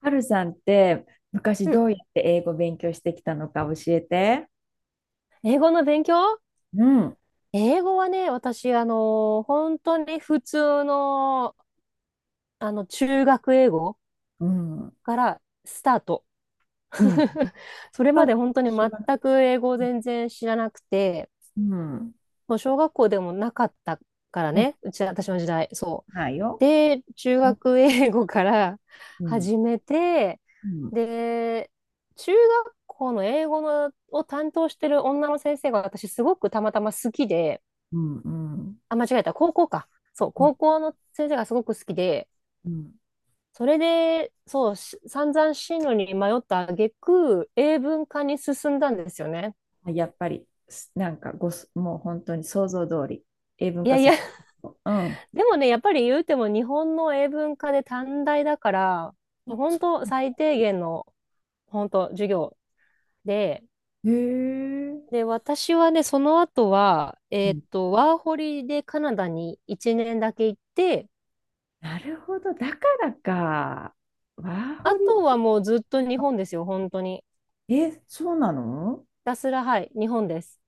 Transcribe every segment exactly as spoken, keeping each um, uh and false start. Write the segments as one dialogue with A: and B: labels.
A: はるさんって昔
B: うん。
A: どうやって英語勉強してきたのか教えて。
B: 英語の勉強。
A: うん、
B: 英語はね、私、あの、本当に普通の、あの、中学英語
A: うん、
B: からスタート。
A: うん。
B: それま
A: パ
B: で
A: パと
B: 本当に
A: 一緒
B: 全
A: かな。
B: く英語を全然知らなくて、
A: うん、
B: もう小学校でもなかったから
A: うん、
B: ね、うち、私の時代、そう。
A: ないよ。
B: で、中
A: うん、
B: 学英語から
A: うん、
B: 始めて、
A: うん、
B: で、中学校の英語のを担当してる女の先生が私すごくたまたま好きで、
A: うん、うん、
B: あ、間違えた。高校か。そう、
A: うん、
B: 高校の先生がすごく好きで、
A: うん、
B: それで、そう、し散々進路に迷った挙句、英文科に進んだんですよね。
A: やっぱり、すなんかごす、もう本当に想像通り、英文
B: いや
A: 化
B: いや、
A: す うん。あ
B: でもね、やっぱり言うても日本の英文科で短大だから、もう本当最低限の、本当授業で、
A: へえ、
B: で、私はね、その後は、
A: う
B: えーっ
A: ん。
B: と、ワーホリでカナダにいちねんだけ行って、
A: なるほど、だからか。ワーホ
B: あとは
A: リ。
B: もうずっと日本ですよ、本当に。ひ
A: え、そうなの？
B: たすら、はい、日本です。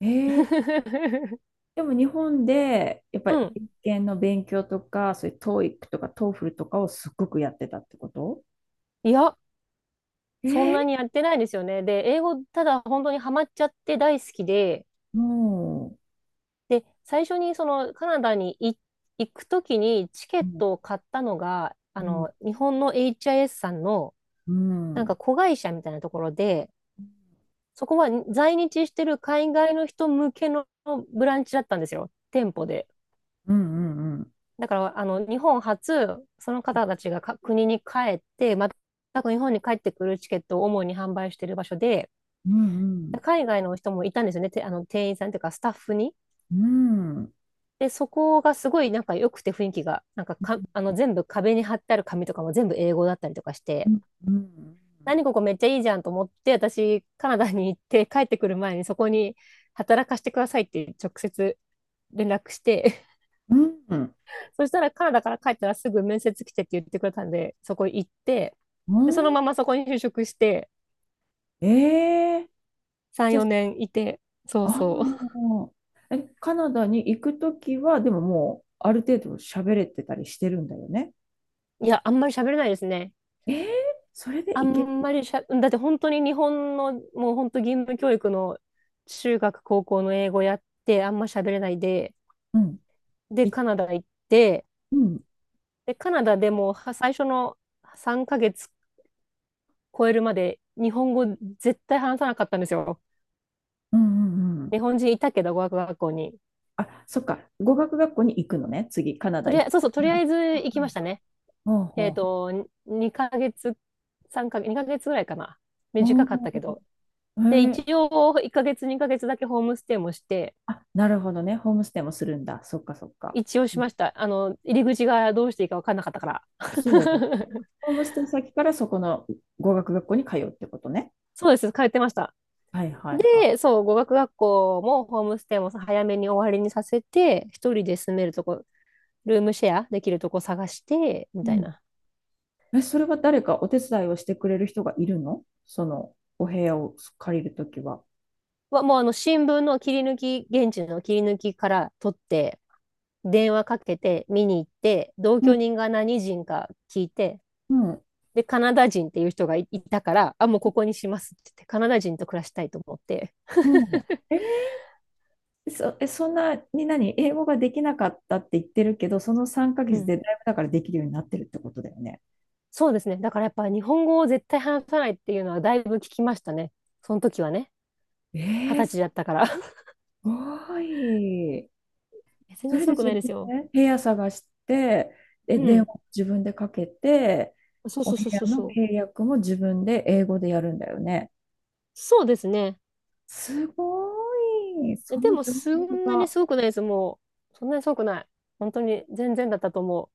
A: えー でも日本でやっぱ
B: う
A: り
B: ん。
A: 英検の勉強とか、そういう TOEIC とか TOEFL とかをすっごくやってたってこと？
B: いや、
A: え
B: そん
A: ー、
B: なにやってないですよね。で、英語、ただ本当にハマっちゃって大好きで、
A: も
B: で、最初にそのカナダにい行くときにチケ
A: う、
B: ッ
A: うん、
B: トを買ったのが、
A: う
B: あ
A: ん、
B: の、日本の エイチアイエス さんの
A: う
B: なんか
A: ん、
B: 子会社みたいなところで、そこは在日してる海外の人向けのブランチだったんですよ、店舗で。
A: うん、うん、うん、
B: だから、あの、日本初、その方たちがか国に帰って、また日本に帰ってくるチケットを主に販売してる場所で、
A: うん、
B: 海外の人もいたんですよね。てあの、店員さんというかスタッフに。
A: うん、うん、
B: で、そこがすごいなんか良くて雰囲気が、なんか、か、あの、全部壁に貼ってある紙とかも全部英語だったりとかし
A: う
B: て、
A: ん、うん、
B: 何ここめっちゃいいじゃんと思って、私、カナダに行って帰ってくる前にそこに働かせてくださいって直接連絡して、
A: うん、
B: そしたらカナダから帰ったらすぐ面接来てって言ってくれたんで、そこ行って、で、その
A: う
B: ままそこに就職して、
A: ん、えー、
B: さん、
A: じゃ
B: よねんいて、そ
A: あ、
B: う
A: あ
B: そ
A: ーえ、カナダに行くときは、でももう、ある程度喋れてたりしてるんだよね。
B: う。いや、あんまり喋れないですね。
A: えー、それで
B: あ
A: 行け、
B: んまりしゃ、だって本当に日本の、もう本当義務教育の中学、高校の英語やって、あんま喋れないで、
A: うん、
B: で、
A: い、
B: カナダ行って、
A: うん、
B: で、カナダでもは最初のさんかげつ超えるまで日本語絶対話さなかったんですよ。
A: うん、うん、うん。
B: 日本人いたけど、語学学校に。
A: あ、そっか。語学学校に行くのね。次、カナ
B: と
A: ダ
B: り
A: 行
B: あえ
A: っ
B: ず、そうそ
A: た。
B: う、と
A: うん
B: りあ
A: だ
B: えず行きましたね。
A: ほう
B: え
A: ほ
B: っ
A: うほ
B: と、にかげつ、さんかげつ、にかげつぐらいかな。
A: う。ほ
B: 短かったけど。
A: う。
B: で、
A: へえ。
B: 一応、いっかげつ、にかげつだけホームステイもして、
A: あ、なるほどね。ホームステイもするんだ。そっかそっか。
B: 一応
A: う
B: し
A: ん
B: ました。あの、入り口がどうしていいか分かんなかったから。
A: そうだ。ホームステイ先からそこの語学学校に通うってことね。
B: そうです、通ってました。
A: はいはいは
B: で、そう、語学学校もホームステイも早めに終わりにさせて、一人で住めるとこ、ルームシェアできるとこ探して、み
A: い。う
B: たい
A: ん
B: な。
A: え、それは誰かお手伝いをしてくれる人がいるの？そのお部屋を借りるときは。
B: はもうあの、新聞の切り抜き、現地の切り抜きから取って、電話かけて、見に行って、同
A: う
B: 居
A: ん
B: 人が何人か聞いて、
A: うん
B: で、カナダ人っていう人がいいたから、あ、もうここにしますって言って、カナダ人と暮らしたいと思って。
A: うんえーそ、え、そんなに何英語ができなかったって言ってるけど、その3ヶ
B: う
A: 月
B: ん。
A: でだいぶだからできるようになってるってことだよね。
B: そうですね。だからやっぱり日本語を絶対話さないっていうのはだいぶ聞きましたね。その時はね。
A: え
B: 二
A: え
B: 十歳
A: す
B: だったから。
A: ごい。
B: 全
A: そ
B: 然
A: れ
B: す
A: で
B: ごくな
A: 自
B: い
A: 分
B: ですよ。
A: で部屋探して、で、
B: う
A: 電
B: ん。
A: 話を自分でかけて、
B: そう
A: お
B: そう
A: 部
B: そう
A: 屋
B: そう
A: の
B: そう。
A: 契約も自分で英語でやるんだよね。
B: そうですね。
A: すごい。
B: え、
A: そ
B: で
A: の
B: も
A: 情
B: そ
A: 報
B: んなに
A: が。
B: すごくないです。もう、そんなにすごくない。本当に全然だったと思う。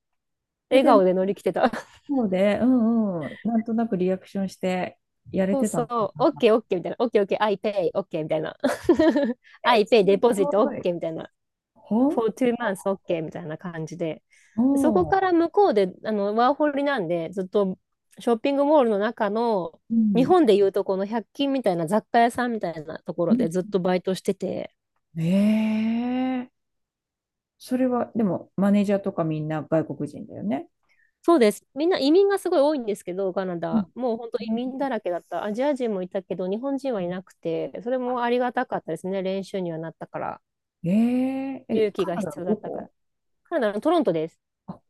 A: え、
B: 笑
A: で、
B: 顔で乗り切ってた。
A: そうで、うんうん、なんとなくリアクションしてやれ
B: そう
A: てた
B: そ
A: の
B: う。
A: か
B: オッ
A: な。
B: ケーオッケーみたいな。オッケーオッケー。I pay。オッケーみたいな。
A: え、
B: I
A: す
B: pay デポジットオ
A: ご
B: ッ
A: い。
B: ケーみたいな。
A: ほん、
B: for two months OK みたいな感じで、そこ
A: おう、
B: から向こうで、あの、ワーホリなんで、ずっとショッピングモールの中の、
A: う
B: 日
A: ん、
B: 本でいうとこの百均みたいな雑貨屋さんみたいなとこ
A: う
B: ろ
A: ん。
B: でずっとバイトしてて、
A: ええそれは、でも、マネージャーとかみんな外国人だよね。
B: そうです。みんな移民がすごい多いんですけど、カナ
A: うん。
B: ダ。もう本当
A: う
B: 移民だ
A: ん
B: らけだった。アジア人もいたけど、日本人はいなくて、それ
A: あ、
B: もありがたかったですね。練習にはなったから。
A: えええ、
B: 勇気
A: カ
B: が
A: ナダ
B: 必
A: の
B: 要だ
A: ど
B: ったから。
A: こ？
B: カナダのトロントです。
A: あ、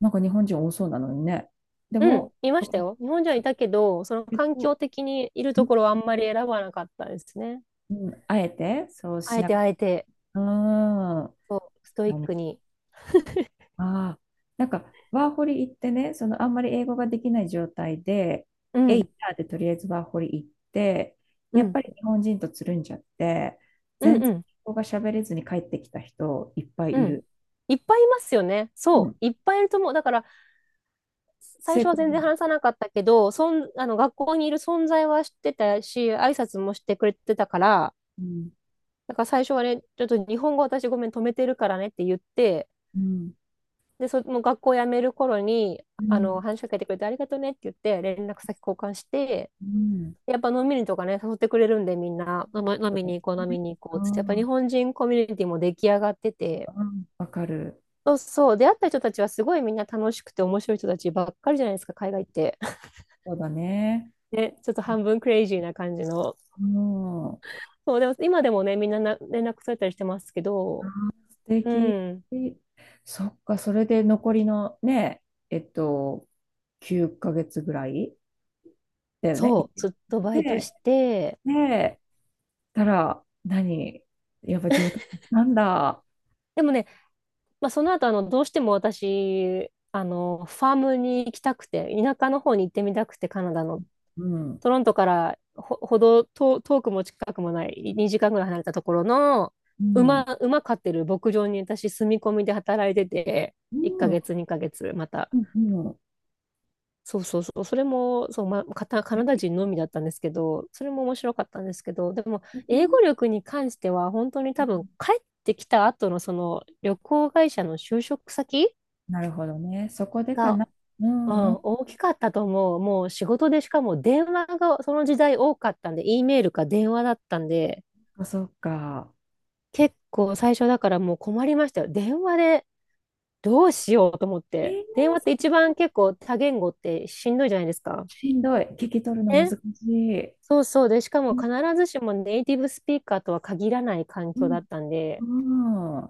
A: なんか日本人多そうなのにね。で
B: うん、
A: も、
B: いま
A: そ
B: し
A: こ、
B: たよ。日本人は
A: ち
B: い
A: ょ
B: たけど、その
A: 結
B: 環
A: 構、
B: 境的にいるところは
A: ん
B: あんまり選ばなかったですね。
A: あえてそう
B: あ
A: し
B: え
A: なく、
B: てあえて、
A: うーん。あ
B: そう、ストイッ
A: の、
B: クに。
A: あー、なんか、ワーホリ行ってね、そのあんまり英語ができない状態で、
B: う
A: エイ
B: ん、
A: ターでとりあえずワーホリ行って、
B: う
A: やっ
B: ん、
A: ぱり日本人とつるんじゃって、
B: うん、
A: 全
B: う
A: 然
B: ん、
A: 英語が喋れずに帰ってきた人いっぱい
B: う
A: い
B: ん。
A: る。
B: いっぱいいますよね。
A: う
B: そ
A: ん、
B: う、いっぱいいると思う。だから、最
A: 成
B: 初は
A: 功。
B: 全然話さなかったけど、そん、あの、学校にいる存在は知ってたし、挨拶もしてくれてたから、
A: うん、
B: だから最初はね、ちょっと日本語私ごめん止めてるからねって言って、
A: うん、
B: で、その学校辞める頃に、
A: う
B: あ
A: ん。
B: の、話しかけてくれてありがとうねって言って、連絡先交換して、
A: うん。
B: やっぱ飲みにとかね、誘ってくれるんで、みんな、飲み飲
A: そう
B: み
A: だよ
B: に行こう、飲み
A: ね。
B: に行こ
A: う
B: うっつって、やっぱ
A: ん。う
B: 日
A: ん。
B: 本人コミュニティも出来上がってて、
A: わかる。
B: そうそう、出会った人たちはすごいみんな楽しくて面白い人たちばっかりじゃないですか、海外って。
A: そうだね。
B: ね、ちょっと半分クレイジーな感じの。
A: もう、
B: そう、でも今でもね、みんなな連絡されたりしてますけど、
A: 素
B: う
A: 敵。
B: ん、
A: そっか、それで残りのね、えっと、きゅうかげつぐらいだよね。行
B: そ
A: っ
B: う、ずっとバイト
A: て、
B: して、
A: で、たら、何やっぱ上達したんだ。
B: でもね、まあ、その後あの、どうしても私、あの、ファームに行きたくて、田舎の方に行ってみたくて、カナダの。
A: うん。
B: トロントからほ、ほど遠、遠くも近くもない、にじかんぐらい離れたところの、
A: う
B: 馬、
A: ん。
B: 馬飼ってる牧場に私、住み込みで働いてて、いっかげつ、にかげつ、また。
A: うん、うん、
B: そうそうそう、それも、そう、ま、カタカナダ人のみだったんですけど、それも面白かったんですけど、でも、
A: う、そこ
B: 英
A: も
B: 語力に関しては、本当に
A: う
B: 多分、
A: ん
B: 帰ってきた後のその旅行会社の就職先
A: なるほどね。そこでか
B: が
A: な。う
B: う
A: ん、うん。
B: ん、
A: そ
B: 大きかったと思う。もう仕事でしかも電話がその時代多かったんで、E メールか電話だったんで、
A: っか。そっか
B: 結構最初だからもう困りましたよ。電話でどうしようと思っ
A: え
B: て。
A: ー
B: 電話って一番結構多言語ってしんどいじゃないですか。
A: しんどい。聞き取るの難
B: ね。
A: しい。
B: そうそう。で、しかも
A: うん、
B: 必ずしもネイティブスピーカーとは限らない環
A: う
B: 境だっ
A: ん、
B: たんで、
A: うん。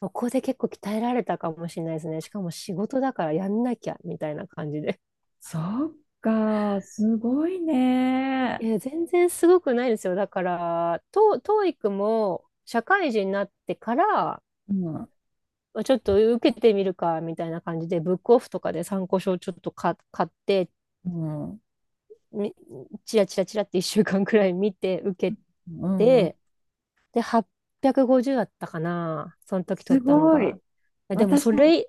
B: そこで結構鍛えられたかもしれないですね。しかも仕事だからやんなきゃみたいな感じで。
A: そっか、すごいね。
B: いや、全然すごくないですよ。だから、ト、t o も社会人になってから、
A: うん、
B: ちょっと受けてみるか、みたいな感じで、ブックオフとかで参考書をちょっとか買って、
A: うん、う
B: みチラチラチラっていっ 週間くらい見て受け
A: ん、うん
B: て、で、はっぴゃくごじゅうだったかな、その時
A: す
B: 取ったの
A: ごい。
B: が。え、でも、
A: 私
B: そ
A: も、
B: れ、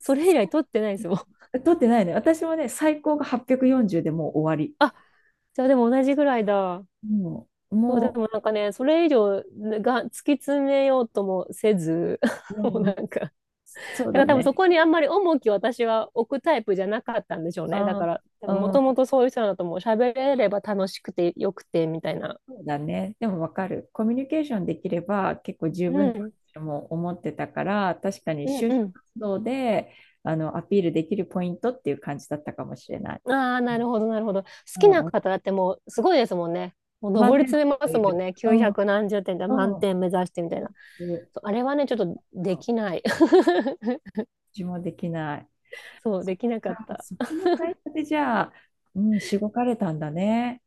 B: そ
A: す
B: れ以来取ってないですよ。
A: 取ってないね。私もね、最高がはっぴゃくよんじゅうでもう終わり。
B: あ、じゃあでも同じぐらいだ。
A: もうん、
B: そう、で
A: も
B: もなんかね、それ以上が突き詰めようともせず、
A: う、う
B: もう
A: ん、う
B: な
A: ん
B: んかだか
A: そうだ
B: ら多分
A: ね。
B: そこにあんまり重きを私は置くタイプじゃなかったんでしょうね。だか
A: あ
B: ら
A: う
B: もとも
A: ん
B: とそういう人だともう喋れれば楽しくてよくてみたいな。
A: そうだね。でもわかる。コミュニケーションできれば結構十分
B: う
A: って
B: ん。
A: 私も思ってたから、確かに
B: うん
A: 就
B: う
A: 職
B: ん。
A: 活動であのアピールできるポイントっていう感じだったかもしれない。
B: ああ、なるほどなるほど。好
A: う
B: きな
A: んうん。
B: 方だってもうすごいですもんね。もう
A: 満
B: 上り
A: 点の
B: 詰めま
A: 人
B: す
A: い
B: もん
A: る。
B: ね。
A: うん
B: きゅうひゃく何十点で満
A: うん。
B: 点目指してみたい
A: い
B: な。
A: るうん
B: そうあれはね、ちょっとできない。
A: 私もできない。
B: そう、
A: そっ
B: できなかっ
A: か、
B: た。
A: そこの会社でじゃあ、うん、しごかれたんだね。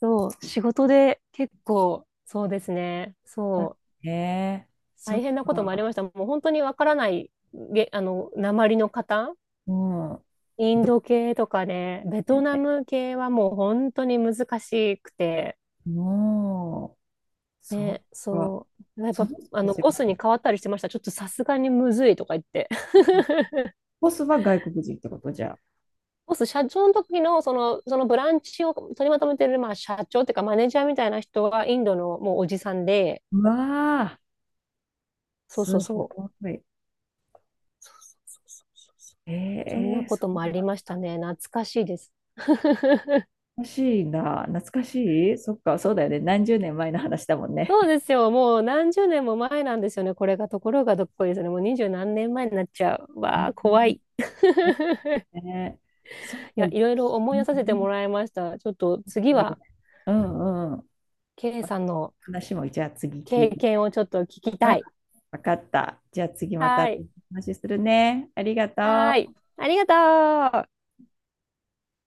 B: そう、仕事で結構、そうですね。
A: だ
B: そう。
A: ね。そ
B: 大
A: っ
B: 変なこともあり
A: か。
B: ました。もう本当にわからない、げ、あの、鉛の方、
A: うん。
B: イン
A: どう
B: ド系とかね、ベ
A: だ
B: ト
A: よ
B: ナ
A: ね。
B: ム系はもう本当に難しくて、
A: もう。そ
B: ね、
A: っか。
B: そう。やっ
A: そ
B: ぱ、
A: の人
B: あ
A: た
B: の、
A: ち
B: ボ
A: が、
B: スに変わったりしてました。ちょっとさすがにむずいとか言って。
A: ボスは外国人ってことじゃあ。
B: ボス、社長の時の、その、そのブランチを取りまとめてる、まあ、社長っていうか、マネージャーみたいな人は、インドのもうおじさんで、
A: うわあ、
B: そう
A: す
B: そうそ
A: ご
B: う。
A: い。
B: そうそうそうそうそう。
A: え
B: そん
A: え
B: な
A: ー
B: こ
A: そ
B: と
A: う
B: もあり
A: な
B: ましたね。懐かしいです。
A: 懐かしいな。懐かしいそっか、そうだよね。何十年前の話だもんね。
B: そうですよ。もう何十年も前なんですよね。これがところがどっこいですね。もうにじゅうなんねんまえになっちゃう。
A: う
B: わあ、怖
A: ん
B: い。
A: そうねそっか。
B: い
A: う
B: や、い
A: ん
B: ろいろ思い出させてもらいました。ちょっと次は、
A: うんうん。
B: ケイさんの
A: 話も、じゃあ次聞
B: 経
A: いて。
B: 験をちょっと聞き
A: うん、
B: たい。
A: わかった。じゃあ次また
B: はい。
A: 話するね。ありが
B: は
A: と
B: い。
A: う。
B: ありがとう。